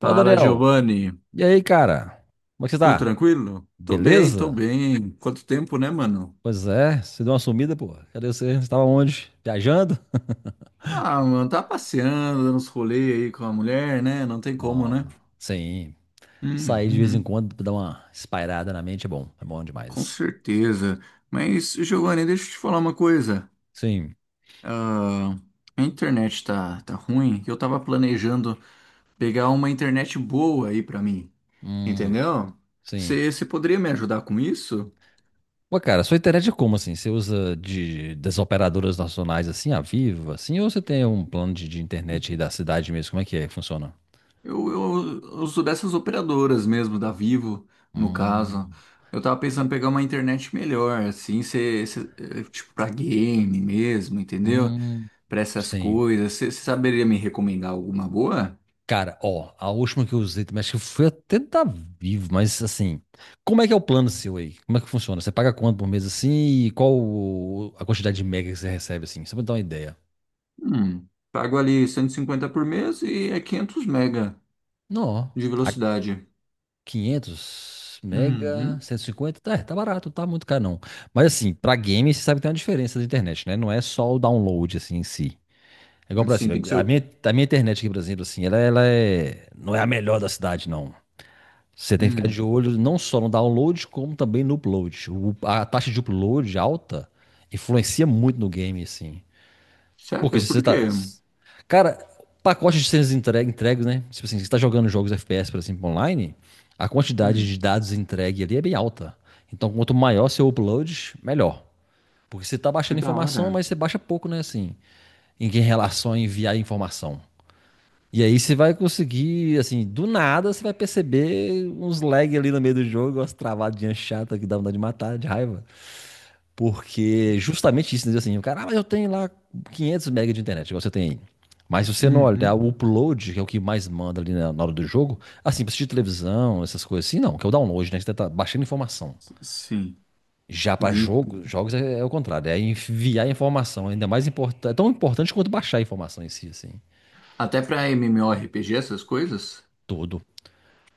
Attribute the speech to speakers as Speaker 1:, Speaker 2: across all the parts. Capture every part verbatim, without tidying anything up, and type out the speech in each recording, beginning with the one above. Speaker 1: Fala,
Speaker 2: Fala,
Speaker 1: Daniel.
Speaker 2: Giovanni.
Speaker 1: E aí, cara? Como é que você
Speaker 2: Tudo
Speaker 1: tá?
Speaker 2: tranquilo? Tô bem, tô
Speaker 1: Beleza?
Speaker 2: bem. Quanto tempo, né, mano?
Speaker 1: Pois é, você deu uma sumida, pô. Cadê você? Você tava onde? Viajando?
Speaker 2: Ah, mano, tá passeando, dando uns rolês aí com a mulher, né? Não tem como,
Speaker 1: Não,
Speaker 2: né?
Speaker 1: sim. Sair de vez em
Speaker 2: Uhum,
Speaker 1: quando pra dar uma espairada na mente é bom. É bom
Speaker 2: com
Speaker 1: demais.
Speaker 2: certeza. Mas, Giovanni, deixa eu te falar uma coisa.
Speaker 1: Sim.
Speaker 2: Ah, a internet tá, tá ruim. Eu tava planejando pegar uma internet boa aí pra mim,
Speaker 1: Hum,
Speaker 2: entendeu?
Speaker 1: sim.
Speaker 2: Você poderia me ajudar com isso?
Speaker 1: Pô, cara, sua internet é como assim? Você usa de, das operadoras nacionais assim, a Vivo, assim? Ou você tem um plano de, de internet aí da cidade mesmo? Como é que é que funciona?
Speaker 2: Eu, eu, eu sou dessas operadoras mesmo, da Vivo, no caso.
Speaker 1: Hum,
Speaker 2: Eu tava pensando em pegar uma internet melhor, assim, cê, cê- eh, tipo, pra game mesmo, entendeu?
Speaker 1: hum,
Speaker 2: Pra essas
Speaker 1: sim.
Speaker 2: coisas. Você saberia me recomendar alguma boa?
Speaker 1: Cara, ó, a última que eu usei também, acho que foi até da Vivo, mas assim, como é que é o plano seu aí? Como é que funciona? Você paga quanto por mês assim e qual o- a quantidade de mega que você recebe assim? Só pra dar uma ideia.
Speaker 2: Hum, pago ali cento e cinquenta por mês e é quinhentos mega
Speaker 1: Não, ó,
Speaker 2: de
Speaker 1: a
Speaker 2: velocidade.
Speaker 1: quinhentos mega,
Speaker 2: Uhum.
Speaker 1: cento e cinquenta, tá, é, tá barato, tá muito caro não. Mas assim, pra game você sabe que tem uma diferença da internet, né? Não é só o download assim em si. É igual pra
Speaker 2: Sim,
Speaker 1: cima,
Speaker 2: tem que ser.
Speaker 1: a
Speaker 2: o-
Speaker 1: minha, a minha internet aqui, por exemplo, assim, ela, ela é, não é a melhor da cidade não. Você tem que ficar de
Speaker 2: Hum,
Speaker 1: olho não só no download, como também no upload. O- a taxa de upload alta influencia muito no game, assim. Porque
Speaker 2: Sério?
Speaker 1: se você
Speaker 2: Por
Speaker 1: tá.
Speaker 2: quê?
Speaker 1: Cara, pacote de cenas entregue, entregues, né? Tipo assim, se você tá jogando jogos F P S, por exemplo, online, a quantidade
Speaker 2: Hum,
Speaker 1: de dados entregue ali é bem alta. Então, quanto maior seu upload, melhor. Porque você tá
Speaker 2: que
Speaker 1: baixando
Speaker 2: da
Speaker 1: informação,
Speaker 2: hora.
Speaker 1: mas você baixa pouco, né? Assim, em em relação a enviar informação. E aí você vai conseguir, assim, do nada você vai perceber uns lag ali no meio do jogo, umas travadinhas chatas que dá vontade de matar, de raiva. Porque justamente isso, né? Assim, o cara, ah, mas eu tenho lá quinhentos mega de internet, igual você tem aí. Mas se você não olhar
Speaker 2: Uhum.
Speaker 1: o upload, que é o que mais manda ali na na hora do jogo, assim, pra assistir televisão, essas coisas assim, não, que é o download, né? Que você tá baixando informação.
Speaker 2: S- Sim.
Speaker 1: Já pra jogo, jogos é, é o contrário, é enviar informação, ainda mais importante, é tão importante quanto baixar a informação em si, assim,
Speaker 2: Até pra MMORPG, essas coisas?
Speaker 1: tudo.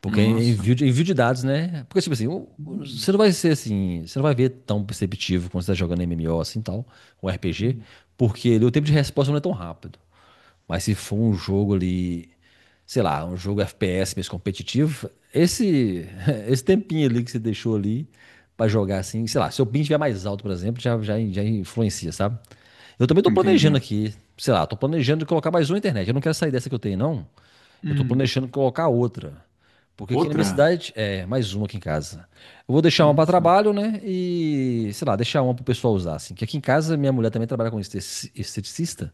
Speaker 1: Porque é
Speaker 2: Nossa.
Speaker 1: envio de, envio de dados, né? Porque, tipo assim, o- o- você
Speaker 2: Hum,
Speaker 1: não vai ser assim, você não vai ver tão perceptivo quando você tá jogando M M O assim tal, ou R P G,
Speaker 2: hum.
Speaker 1: porque ali o tempo de resposta não é tão rápido. Mas se for um jogo ali, sei lá, um jogo F P S mesmo competitivo, esse, esse tempinho ali que você deixou ali pra jogar assim, sei lá, se o ping estiver mais alto, por exemplo, já, já, já influencia, sabe? Eu também tô planejando
Speaker 2: Entendi.
Speaker 1: aqui, sei lá, tô planejando de colocar mais uma internet. Eu não quero sair dessa que eu tenho, não. Eu tô
Speaker 2: Hum.
Speaker 1: planejando colocar outra. Porque aqui na minha
Speaker 2: Outra?
Speaker 1: cidade, é, mais uma aqui em casa. Eu vou deixar uma para
Speaker 2: Nossa.
Speaker 1: trabalho, né? E, sei lá, deixar uma pro pessoal usar, assim. Que aqui em casa, minha mulher também trabalha com estetici- esteticista.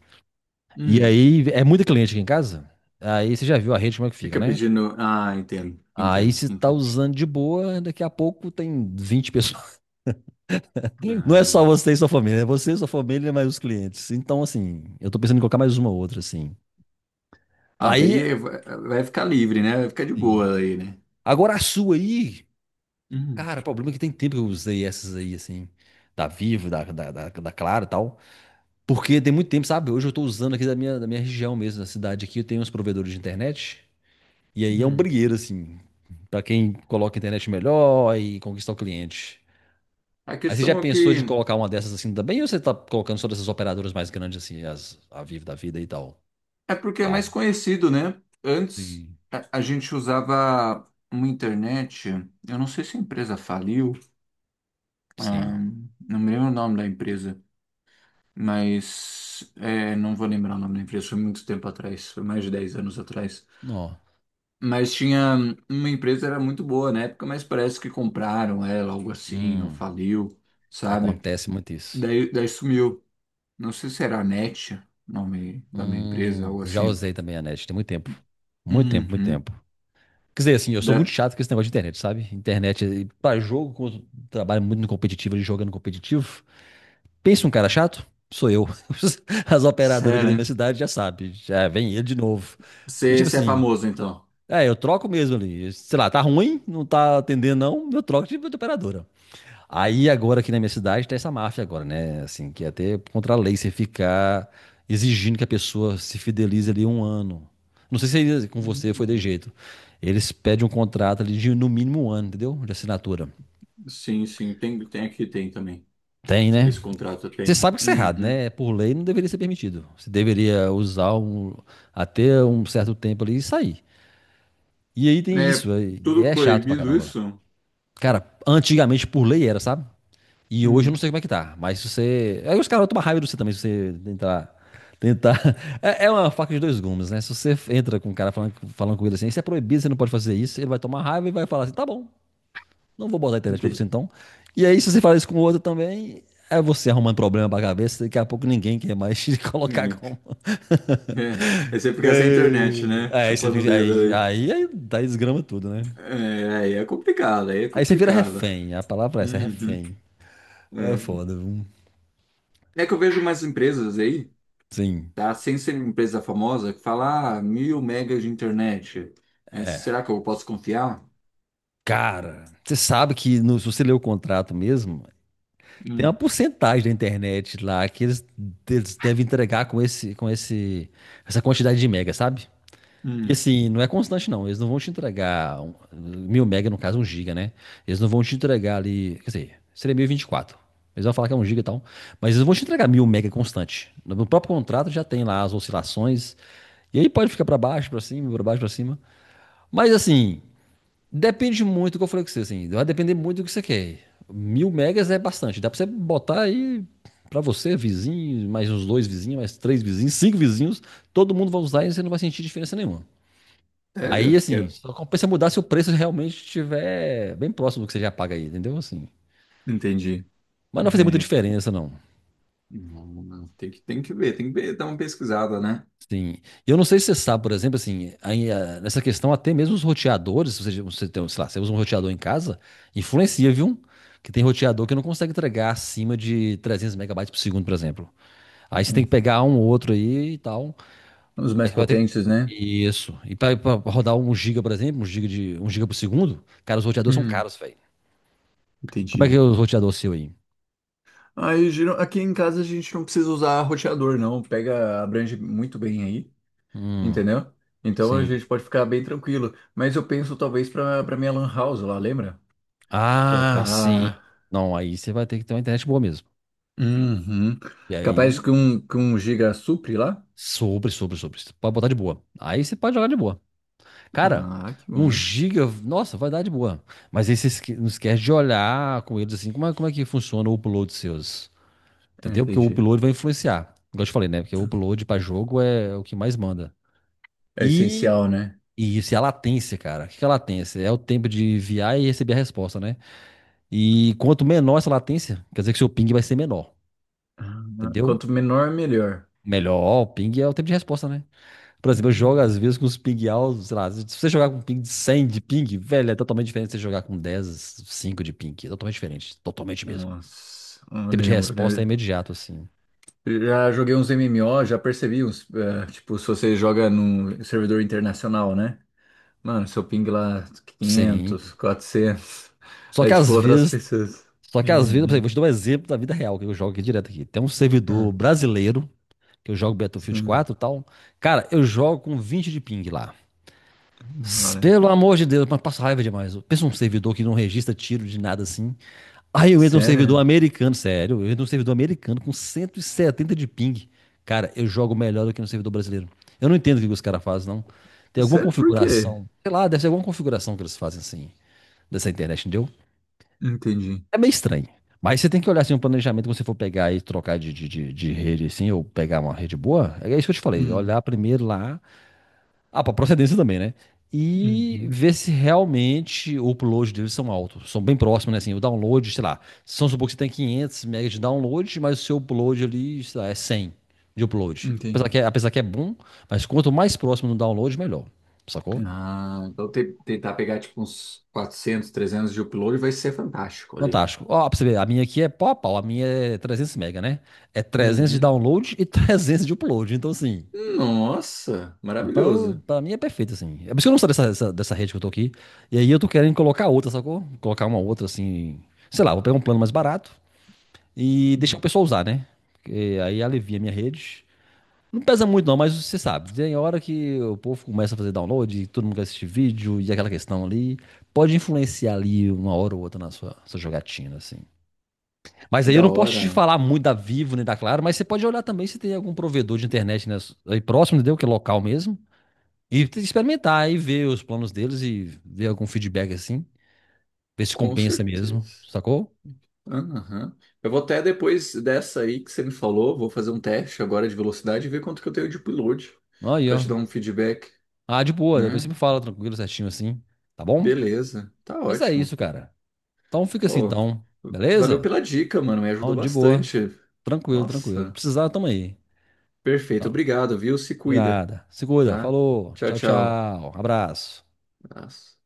Speaker 1: E
Speaker 2: Hum.
Speaker 1: aí, é muita cliente aqui em casa. Aí você já viu a rede como é que fica,
Speaker 2: Fica
Speaker 1: né?
Speaker 2: pedindo. Ah, entendo,
Speaker 1: Aí
Speaker 2: entendo,
Speaker 1: você tá
Speaker 2: entendo.
Speaker 1: usando de boa, daqui a pouco tem vinte pessoas. Não é
Speaker 2: Ah,
Speaker 1: só você e sua família, é você, sua família, mais os clientes. Então, assim, eu tô pensando em colocar mais uma outra, assim.
Speaker 2: Ah,
Speaker 1: Aí,
Speaker 2: daí é, vai vai ficar livre, né? Vai ficar de
Speaker 1: sim,
Speaker 2: boa aí, né?
Speaker 1: agora a sua aí.
Speaker 2: Hum,
Speaker 1: Cara, o problema é que tem tempo que eu usei essas aí, assim, da Vivo, da, da, da, da Claro e tal. Porque tem muito tempo, sabe? Hoje eu tô usando aqui da minha, da minha região mesmo, da cidade aqui, eu tenho uns provedores de internet. E aí é um
Speaker 2: hum.
Speaker 1: brigueiro, assim, pra quem coloca a internet melhor e conquistar o cliente.
Speaker 2: A
Speaker 1: Aí você já
Speaker 2: questão é
Speaker 1: pensou
Speaker 2: que
Speaker 1: de colocar uma dessas assim também, ou você tá colocando só dessas operadoras mais grandes, assim, as, a Vivo da vida e tal?
Speaker 2: é porque é mais
Speaker 1: Claro.
Speaker 2: conhecido, né? Antes
Speaker 1: Sim.
Speaker 2: a, a gente usava uma internet, eu não sei se a empresa faliu,
Speaker 1: Sim.
Speaker 2: ah, não me lembro o nome da empresa, mas é, não vou lembrar o nome da empresa, foi muito tempo atrás, foi mais de dez anos atrás.
Speaker 1: Não.
Speaker 2: Mas tinha uma empresa era muito boa na época, mas parece que compraram ela, algo assim, ou
Speaker 1: Hum,
Speaker 2: faliu, sabe?
Speaker 1: acontece muito isso.
Speaker 2: Daí, daí sumiu. Não sei se era a Net, nome da minha empresa,
Speaker 1: Hum,
Speaker 2: algo
Speaker 1: já
Speaker 2: assim.
Speaker 1: usei também a net, tem muito tempo. Muito tempo, muito
Speaker 2: Uhum.
Speaker 1: tempo. Quer dizer, assim, eu sou
Speaker 2: Da...
Speaker 1: muito chato com esse negócio de internet, sabe? Internet, eh, pra jogo, como eu trabalho muito no competitivo, ali jogando competitivo. Pensa um cara chato? Sou eu. As operadoras aqui
Speaker 2: Sério?
Speaker 1: da minha
Speaker 2: Né?
Speaker 1: cidade já sabem, já vem ele de novo. Porque,
Speaker 2: Você
Speaker 1: tipo
Speaker 2: você é
Speaker 1: assim,
Speaker 2: famoso, então?
Speaker 1: é, eu troco mesmo ali. Sei lá, tá ruim, não tá atendendo não, eu troco de de operadora. Aí agora aqui na minha cidade tá essa máfia agora, né? Assim, que é até contra a lei você ficar exigindo que a pessoa se fidelize ali um ano. Não sei se aí com você foi de
Speaker 2: Hum,
Speaker 1: jeito. Eles pedem um contrato ali de no mínimo um ano, entendeu? De assinatura.
Speaker 2: Sim, sim, tem, tem aqui, tem também.
Speaker 1: Tem, né?
Speaker 2: Esse contrato eu
Speaker 1: Você
Speaker 2: tenho.
Speaker 1: sabe que isso é errado,
Speaker 2: Uhum.
Speaker 1: né? Por lei não deveria ser permitido. Você deveria usar um- até um certo tempo ali e sair. E aí tem
Speaker 2: É
Speaker 1: isso, aí
Speaker 2: tudo
Speaker 1: é chato pra
Speaker 2: proibido
Speaker 1: caramba.
Speaker 2: isso?
Speaker 1: Cara, antigamente por lei era, sabe? E hoje eu não
Speaker 2: Hum,
Speaker 1: sei como é que tá, mas se você. Aí os caras tomam raiva de você também, se você tentar. Tentar. É é uma faca de dois gumes, né? Se você entra com um cara falando, falando com ele assim, isso é proibido, você não pode fazer isso, ele vai tomar raiva e vai falar assim: tá bom, não vou botar a internet pra você
Speaker 2: entendi.
Speaker 1: então. E aí, se você fala isso com o outro também, é você arrumando problema pra cabeça, daqui a pouco ninguém quer mais te colocar
Speaker 2: Ninguém-
Speaker 1: como.
Speaker 2: É, aí você fica sem internet,
Speaker 1: Que-
Speaker 2: né?
Speaker 1: Aí você
Speaker 2: Chupando o
Speaker 1: fica.
Speaker 2: dedo
Speaker 1: Aí,
Speaker 2: ali.
Speaker 1: aí, aí dá desgrama tudo, né?
Speaker 2: É, aí é complicado, aí é
Speaker 1: Aí você vira
Speaker 2: complicado.
Speaker 1: refém, a palavra é essa, é
Speaker 2: Uhum.
Speaker 1: refém. É
Speaker 2: É.
Speaker 1: foda, viu?
Speaker 2: É que eu vejo mais empresas aí,
Speaker 1: Sim.
Speaker 2: tá? Sem ser empresa famosa, que fala ah, mil megas de internet. Mas será que eu posso confiar?
Speaker 1: Cara, você sabe que no- se você ler o contrato mesmo, tem uma
Speaker 2: Hum,
Speaker 1: porcentagem da internet lá que eles, eles devem entregar com esse, com esse, essa quantidade de mega, sabe? E
Speaker 2: hum.
Speaker 1: assim, não é constante não. Eles não vão te entregar um- mil mega, no caso um giga, né? Eles não vão te entregar ali, quer dizer, seria mil e vinte e quatro. Eles vão falar que é um giga e tal, mas eles não vão te entregar mil mega constante. No próprio contrato já tem lá as oscilações. E aí pode ficar pra baixo, pra cima, pra baixo, pra cima. Mas assim, depende muito do que eu falei com você, assim. Vai depender muito do que você quer. Mil megas é bastante. Dá pra você botar aí pra você, vizinho, mais uns dois vizinhos, mais três vizinhos, cinco vizinhos. Todo mundo vai usar e você não vai sentir diferença nenhuma. Aí,
Speaker 2: Sério? Que
Speaker 1: assim,
Speaker 2: é-
Speaker 1: só compensa mudar se o preço realmente estiver bem próximo do que você já paga aí, entendeu? Assim.
Speaker 2: Entendi,
Speaker 1: Mas não vai fazer muita
Speaker 2: entendi.
Speaker 1: diferença, não.
Speaker 2: Não, não, Tem que, tem que ver, tem que ver, dar uma pesquisada, né?
Speaker 1: Sim. E eu não sei se você sabe, por exemplo, assim, aí, ah, nessa questão até mesmo os roteadores, se você, você tem, sei lá, você usa um roteador em casa, influencia, viu? Que tem roteador que não consegue entregar acima de trezentos megabytes por segundo, por exemplo. Aí você
Speaker 2: É,
Speaker 1: tem que pegar um ou outro aí e tal.
Speaker 2: os mais
Speaker 1: Aí vai ter que...
Speaker 2: potentes, né?
Speaker 1: Isso. E pra, pra rodar um giga, por exemplo, um giga de, um giga por segundo, cara, os roteadores são
Speaker 2: Hum,
Speaker 1: caros, velho. Como é que é
Speaker 2: entendi.
Speaker 1: o roteador seu aí?
Speaker 2: Aí, geral- aqui em casa a gente não precisa usar roteador, não. Pega, abrange muito bem aí,
Speaker 1: Hum,
Speaker 2: entendeu? Então a
Speaker 1: sim.
Speaker 2: gente pode ficar bem tranquilo. Mas eu penso talvez pra, pra minha lan house lá, lembra?
Speaker 1: Ah, sim.
Speaker 2: Colocar.
Speaker 1: Não, aí você vai ter que ter uma internet boa mesmo.
Speaker 2: Uhum.
Speaker 1: E
Speaker 2: Capaz
Speaker 1: aí,
Speaker 2: que um, que um giga supre lá?
Speaker 1: Sobre, sobre, sobre. Você pode botar de boa. Aí você pode jogar de boa. Cara,
Speaker 2: Ah, que
Speaker 1: um
Speaker 2: bom.
Speaker 1: giga, nossa, vai dar de boa. Mas aí você esque- não esquece de olhar com eles assim, como é, como é que funciona o upload seus. Entendeu? Porque o
Speaker 2: Entendi.
Speaker 1: upload vai influenciar. Igual eu te falei, né? Porque o upload pra jogo é o que mais manda.
Speaker 2: É
Speaker 1: E,
Speaker 2: essencial, né?
Speaker 1: e isso é a latência, cara. O que que é a latência? É o tempo de enviar e receber a resposta, né? E quanto menor essa latência, quer dizer que seu ping vai ser menor.
Speaker 2: Ah,
Speaker 1: Entendeu?
Speaker 2: quanto menor, melhor.
Speaker 1: Melhor, o ping é o tempo de resposta, né? Por exemplo, eu jogo
Speaker 2: Hum.
Speaker 1: às vezes com os ping altos, sei lá, se você jogar com ping de cem de ping, velho, é totalmente diferente de você jogar com dez cinco de ping. É totalmente diferente, totalmente mesmo.
Speaker 2: Nossa, eu
Speaker 1: O tempo de
Speaker 2: lembro,
Speaker 1: resposta é
Speaker 2: né?
Speaker 1: imediato, assim.
Speaker 2: Já joguei uns M M O, já percebi uns, eh, tipo, se você joga num servidor internacional, né? Mano, seu ping lá quinhentos,
Speaker 1: Sim.
Speaker 2: quatrocentos,
Speaker 1: Só
Speaker 2: é
Speaker 1: que
Speaker 2: tipo
Speaker 1: às
Speaker 2: outras
Speaker 1: vezes,
Speaker 2: pessoas.
Speaker 1: só que às vezes, por exemplo,
Speaker 2: Uhum.
Speaker 1: vou te dar um exemplo da vida real que eu jogo aqui direto aqui. Tem um servidor
Speaker 2: Ah,
Speaker 1: brasileiro, que eu jogo Battlefield
Speaker 2: sim,
Speaker 1: quatro e tal. Cara, eu jogo com vinte de ping lá.
Speaker 2: da
Speaker 1: S-
Speaker 2: hora.
Speaker 1: Pelo amor de Deus, mas passo raiva demais. Pensa um servidor que não registra tiro de nada assim. Aí eu entro num servidor
Speaker 2: Sério?
Speaker 1: americano, sério, eu entro num servidor americano com cento e setenta de ping. Cara, eu jogo melhor do que no servidor brasileiro. Eu não entendo o que os caras fazem, não. Tem alguma
Speaker 2: Sério, por quê?
Speaker 1: configuração, sei lá, deve ser alguma configuração que eles fazem assim, dessa internet, entendeu?
Speaker 2: Entendi.
Speaker 1: É meio estranho. Mas você tem que olhar assim um planejamento quando você for pegar e trocar de, de, de, de rede assim, ou pegar uma rede boa. É isso que eu te falei,
Speaker 2: Hum,
Speaker 1: olhar primeiro lá ah, para procedência também, né? E
Speaker 2: uhum,
Speaker 1: ver se realmente o upload deles são altos, são bem próximos, né? Assim, o download, sei lá, se vamos supor que você tem quinhentos megas de download, mas o seu upload ali, sei lá, é cem de upload. Apesar
Speaker 2: entendi.
Speaker 1: que, é, apesar que é bom, mas quanto mais próximo do download, melhor, sacou?
Speaker 2: Ah, então te- tentar pegar tipo uns quatrocentos, trezentos de upload vai ser fantástico ali.
Speaker 1: Fantástico. Ó, pra você ver, a minha aqui é pau a pau, a minha é trezentos megabytes, né? É trezentos de
Speaker 2: Uhum.
Speaker 1: download e trezentos de upload, então assim...
Speaker 2: Nossa,
Speaker 1: Então,
Speaker 2: maravilhoso.
Speaker 1: pra mim é perfeito, assim. É por isso que eu não saio dessa, dessa, dessa rede que eu tô aqui. E aí eu tô querendo colocar outra, sacou? Colocar uma outra, assim. Sei lá, vou pegar um plano mais barato e deixar o
Speaker 2: Hum,
Speaker 1: pessoal usar, né? Porque aí alivia a minha rede. Não pesa muito, não, mas você sabe, tem hora que o povo começa a fazer download, e todo mundo quer assistir vídeo e aquela questão ali. Pode influenciar ali uma hora ou outra na sua, sua jogatina, assim. Mas
Speaker 2: que
Speaker 1: aí eu
Speaker 2: da
Speaker 1: não posso
Speaker 2: hora.
Speaker 1: te
Speaker 2: Né?
Speaker 1: falar muito da Vivo nem da Claro, mas você pode olhar também se tem algum provedor de internet né, aí próximo, entendeu? Que é local mesmo. E experimentar e ver os planos deles e ver algum feedback assim. Ver se
Speaker 2: Com
Speaker 1: compensa mesmo,
Speaker 2: certeza.
Speaker 1: sacou?
Speaker 2: Aham. Eu vou até depois dessa aí que você me falou, vou fazer um teste agora de velocidade e ver quanto que eu tenho de upload
Speaker 1: Aí,
Speaker 2: para
Speaker 1: ó.
Speaker 2: te dar um feedback,
Speaker 1: Ah, de boa, depois
Speaker 2: né?
Speaker 1: sempre me fala tranquilo, certinho assim, tá bom?
Speaker 2: Beleza, tá
Speaker 1: Mas é
Speaker 2: ótimo.
Speaker 1: isso, cara. Então fica assim,
Speaker 2: Ô,
Speaker 1: então,
Speaker 2: valeu
Speaker 1: beleza?
Speaker 2: pela dica, mano, me ajudou
Speaker 1: Então, de boa.
Speaker 2: bastante.
Speaker 1: Tranquilo, tranquilo.
Speaker 2: Nossa,
Speaker 1: Precisar, tamo aí.
Speaker 2: perfeito,
Speaker 1: Então,
Speaker 2: obrigado, viu? Se
Speaker 1: de
Speaker 2: cuida,
Speaker 1: nada. Se cuida,
Speaker 2: tá?
Speaker 1: falou.
Speaker 2: Tchau,
Speaker 1: Tchau,
Speaker 2: tchau.
Speaker 1: tchau. Abraço.
Speaker 2: Abraço.